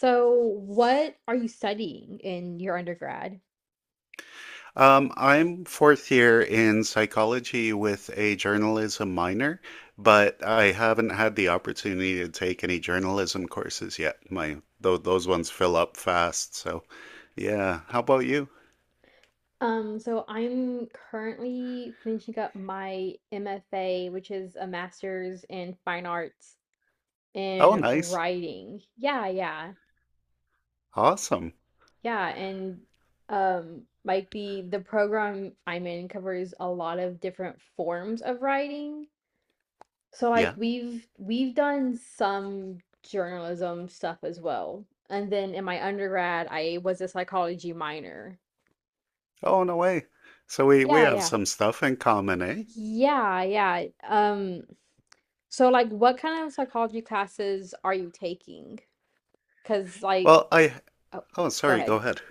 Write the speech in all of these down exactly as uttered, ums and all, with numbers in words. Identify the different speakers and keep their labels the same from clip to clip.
Speaker 1: So, what are you studying in your undergrad?
Speaker 2: Um, I'm fourth year in psychology with a journalism minor, but I haven't had the opportunity to take any journalism courses yet. My tho those ones fill up fast, so yeah. How about you?
Speaker 1: Um, so I'm currently finishing up my M F A, which is a master's in fine arts
Speaker 2: Oh,
Speaker 1: in
Speaker 2: nice.
Speaker 1: writing. Yeah, yeah,
Speaker 2: Awesome.
Speaker 1: yeah. And um, might be the program I'm in covers a lot of different forms of writing. So like
Speaker 2: Yeah.
Speaker 1: we've we've done some journalism stuff as well. And then in my undergrad, I was a psychology minor.
Speaker 2: Oh, no way. So we we
Speaker 1: Yeah,
Speaker 2: have
Speaker 1: yeah.
Speaker 2: some stuff in common, eh?
Speaker 1: Yeah, yeah. Um, so like what kind of psychology classes are you taking? 'Cause like
Speaker 2: Well, I
Speaker 1: oh,
Speaker 2: oh,
Speaker 1: go
Speaker 2: sorry, go
Speaker 1: ahead.
Speaker 2: ahead.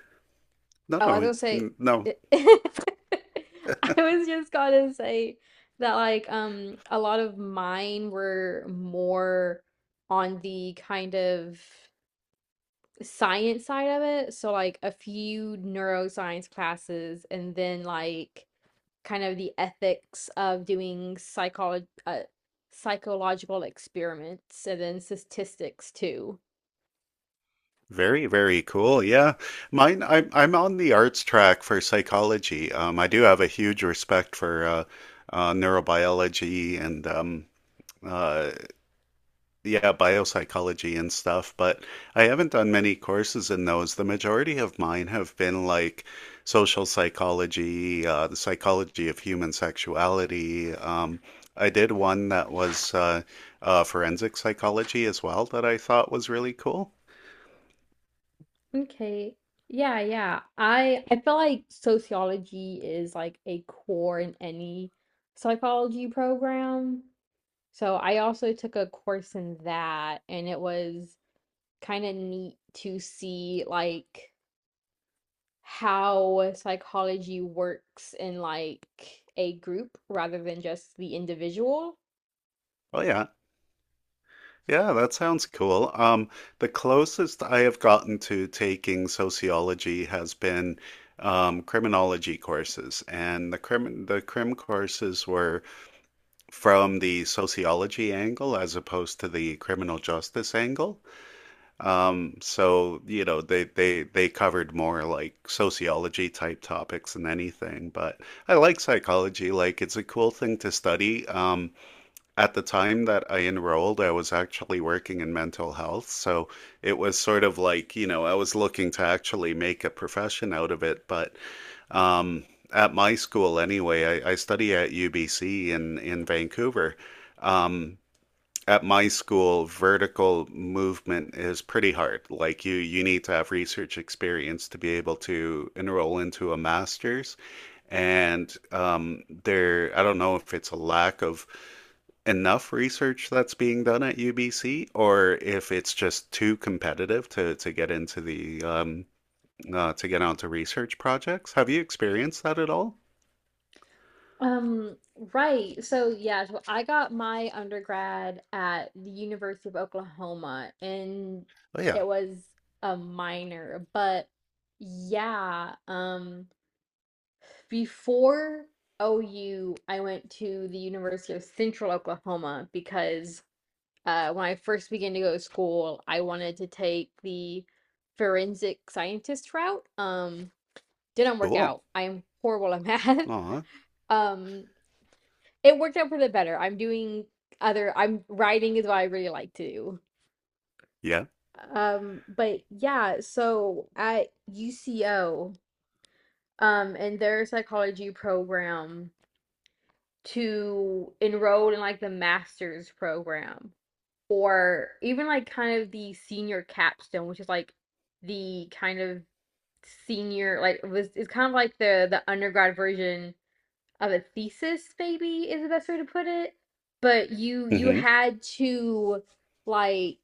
Speaker 2: No,
Speaker 1: Oh, I
Speaker 2: no,
Speaker 1: was gonna
Speaker 2: n- no.
Speaker 1: say I was just gonna say that like um a lot of mine were more on the kind of science side of it. So like a few neuroscience classes and then like kind of the ethics of doing psycholo- uh, psychological experiments and then statistics too.
Speaker 2: Very, very cool. Yeah. Mine, I'm, I'm on the arts track for psychology. Um, I do have a huge respect for uh, uh, neurobiology and um, uh, yeah, biopsychology and stuff, but I haven't done many courses in those. The majority of mine have been like social psychology, uh, the psychology of human sexuality. Um, I did one that was uh, uh, forensic psychology as well that I thought was really cool.
Speaker 1: Okay. Yeah, yeah. I I feel like sociology is like a core in any psychology program. So I also took a course in that, and it was kind of neat to see like how psychology works in like a group rather than just the individual.
Speaker 2: Oh, yeah. Yeah, that sounds cool. Um, the closest I have gotten to taking sociology has been um, criminology courses, and the crim the crim courses were from the sociology angle as opposed to the criminal justice angle. Um, so you know they they they covered more like sociology type topics than anything. But I like psychology; like it's a cool thing to study. Um, at the time that I enrolled, I was actually working in mental health. So it was sort of like, you know, I was looking to actually make a profession out of it. But um, at my school, anyway, I, I study at U B C in, in Vancouver. Um, at my school, vertical movement is pretty hard. Like you, you need to have research experience to be able to enroll into a master's. And um, there, I don't know if it's a lack of enough research that's being done at U B C, or if it's just too competitive to to get into the um, uh, to get onto research projects. Have you experienced that at all?
Speaker 1: Um, right. So yeah, so I got my undergrad at the University of Oklahoma, and
Speaker 2: Oh yeah,
Speaker 1: it was a minor, but yeah, um before O U, I went to the University of Central Oklahoma because uh when I first began to go to school, I wanted to take the forensic scientist route. Um, didn't work
Speaker 2: cool.
Speaker 1: out. I am horrible at math.
Speaker 2: Aw,
Speaker 1: Um, it worked out for the better. I'm doing other, I'm writing is what I really like to do.
Speaker 2: yeah.
Speaker 1: Um, but yeah, so at U C O, um, in their psychology program, to enroll in like the master's program or even like kind of the senior capstone, which is like the kind of senior like was it's kind of like the the undergrad version of a thesis, maybe, is the best way to put it, but you you
Speaker 2: Mm-hmm.
Speaker 1: had to like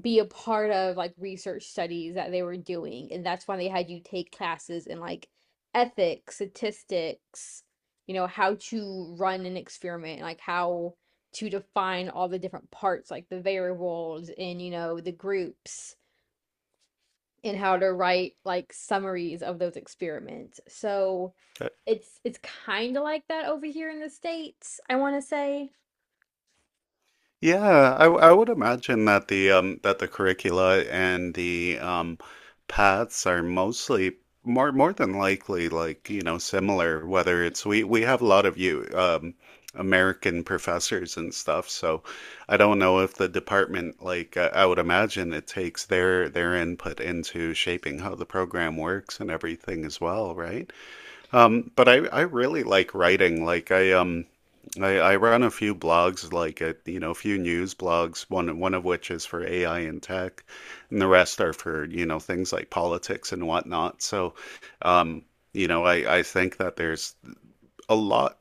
Speaker 1: be a part of like research studies that they were doing, and that's why they had you take classes in like ethics, statistics, you know, how to run an experiment, like how to define all the different parts, like the variables, and you know, the groups, and how to write like summaries of those experiments. So it's it's kind of like that over here in the States, I want to say.
Speaker 2: Yeah, I, w- I would imagine that the um that the curricula and the um paths are mostly more more than likely like, you know, similar, whether it's we we have a lot of you um American professors and stuff, so I don't know if the department like uh, I would imagine it takes their their input into shaping how the program works and everything as well, right? Um, but I, I really like writing. Like I um I, I run a few blogs, like a, you know, a few news blogs, one one of which is for A I and tech, and the rest are for, you know, things like politics and whatnot. So, um, you know, I, I think that there's a lot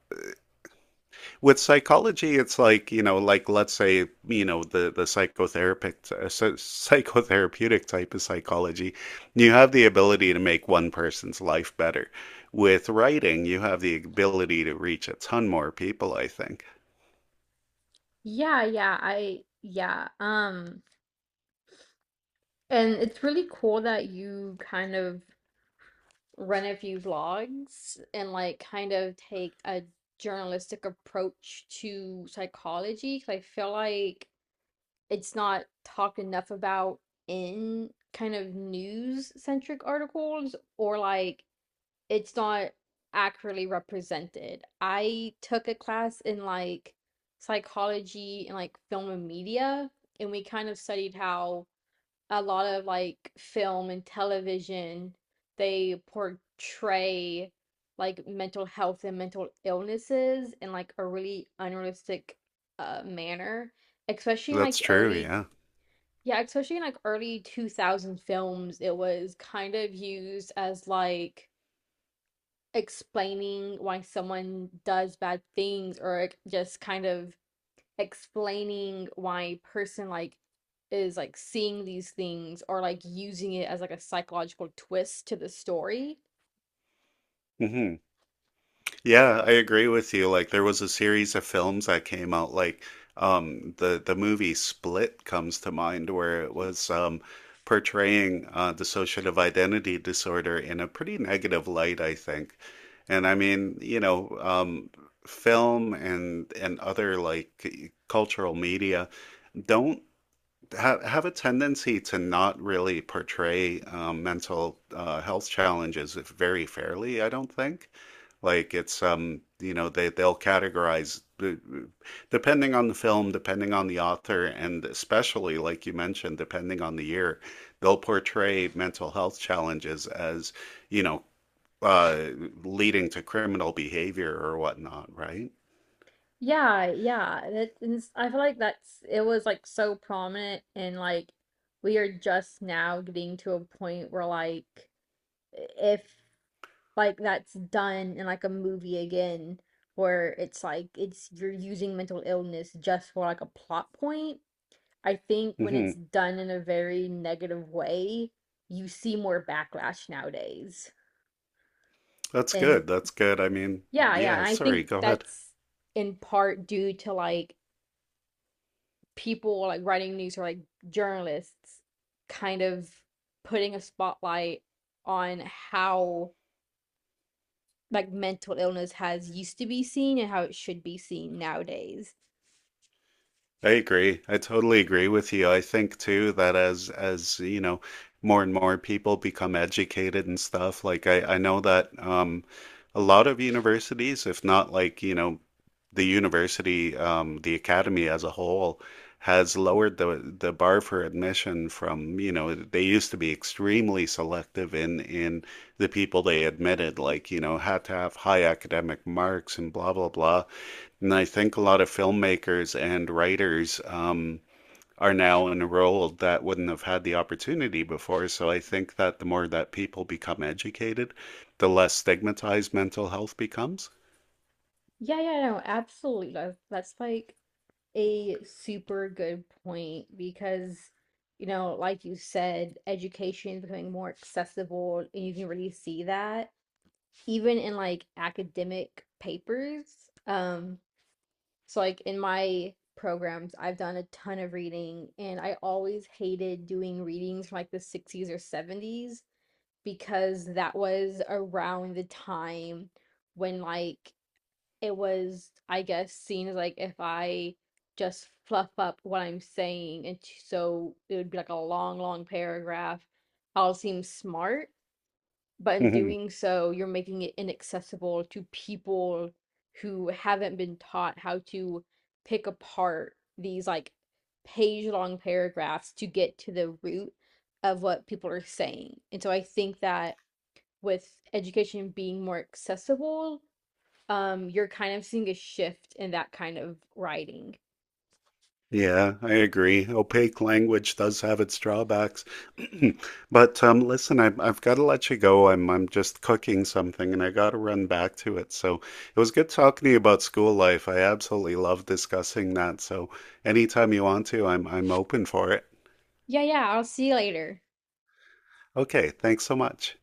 Speaker 2: with psychology, it's like, you know, like let's say, you know, the the psychotherapeutic uh, psy- psychotherapeutic type of psychology, you have the ability to make one person's life better. With writing, you have the ability to reach a ton more people, I think.
Speaker 1: Yeah, yeah, I yeah. Um and it's really cool that you kind of run a few vlogs and like kind of take a journalistic approach to psychology, 'cause I feel like it's not talked enough about in kind of news centric articles, or like it's not accurately represented. I took a class in like psychology and like film and media, and we kind of studied how a lot of like film and television, they portray like mental health and mental illnesses in like a really unrealistic uh manner, especially in
Speaker 2: That's
Speaker 1: like
Speaker 2: true,
Speaker 1: early
Speaker 2: yeah.
Speaker 1: yeah, especially in like early two thousand films, it was kind of used as like explaining why someone does bad things, or like, just kind of explaining why a person like is like seeing these things, or like using it as like a psychological twist to the story.
Speaker 2: hmm Yeah, I agree with you. Like there was a series of films that came out like um the the movie Split comes to mind where it was um portraying uh dissociative identity disorder in a pretty negative light, I think. And I mean, you know, um film and and other like cultural media don't ha have a tendency to not really portray um, mental uh, health challenges very fairly, I don't think. Like it's um, you know, they they'll categorize uh, depending on the film, depending on the author, and especially like you mentioned, depending on the year, they'll portray mental health challenges as, you know, uh leading to criminal behavior or whatnot, right?
Speaker 1: Yeah, yeah. That is, I feel like that's it was like so prominent, and like we are just now getting to a point where like if like that's done in like a movie again, where it's like it's you're using mental illness just for like a plot point. I think when it's
Speaker 2: hmm
Speaker 1: done in a very negative way, you see more backlash nowadays.
Speaker 2: That's good.
Speaker 1: And
Speaker 2: That's good. I mean,
Speaker 1: yeah, yeah,
Speaker 2: yeah,
Speaker 1: and I
Speaker 2: sorry,
Speaker 1: think
Speaker 2: go ahead.
Speaker 1: that's in part due to like people like writing news or like journalists kind of putting a spotlight on how like mental illness has used to be seen and how it should be seen nowadays.
Speaker 2: I agree. I totally agree with you. I think too that as as you know, more and more people become educated and stuff, like I I know that um a lot of universities, if not like, you know, the university um the academy as a whole has lowered the the bar for admission from, you know, they used to be extremely selective in in the people they admitted, like, you know, had to have high academic marks and blah blah blah. And I think a lot of filmmakers and writers um, are now enrolled that wouldn't have had the opportunity before. So I think that the more that people become educated, the less stigmatized mental health becomes.
Speaker 1: Yeah, yeah, no, absolutely. That's that's like a super good point, because you know, like you said, education is becoming more accessible, and you can really see that even in like academic papers. Um, so like in my programs, I've done a ton of reading, and I always hated doing readings from like the sixties or seventies, because that was around the time when like it was, I guess, seen as like, if I just fluff up what I'm saying and t- so it would be like a long long paragraph, I'll seem smart, but in doing so you're making it inaccessible to people who haven't been taught how to pick apart these like page long paragraphs to get to the root of what people are saying. And so I think that with education being more accessible, um, you're kind of seeing a shift in that kind of writing.
Speaker 2: Yeah, I agree. Opaque language does have its drawbacks. But um, listen, I, I've got to let you go. I'm I'm just cooking something and I got to run back to it. So it was good talking to you about school life. I absolutely love discussing that. So anytime you want to, I'm I'm open for it.
Speaker 1: Yeah, yeah, I'll see you later.
Speaker 2: Okay, thanks so much.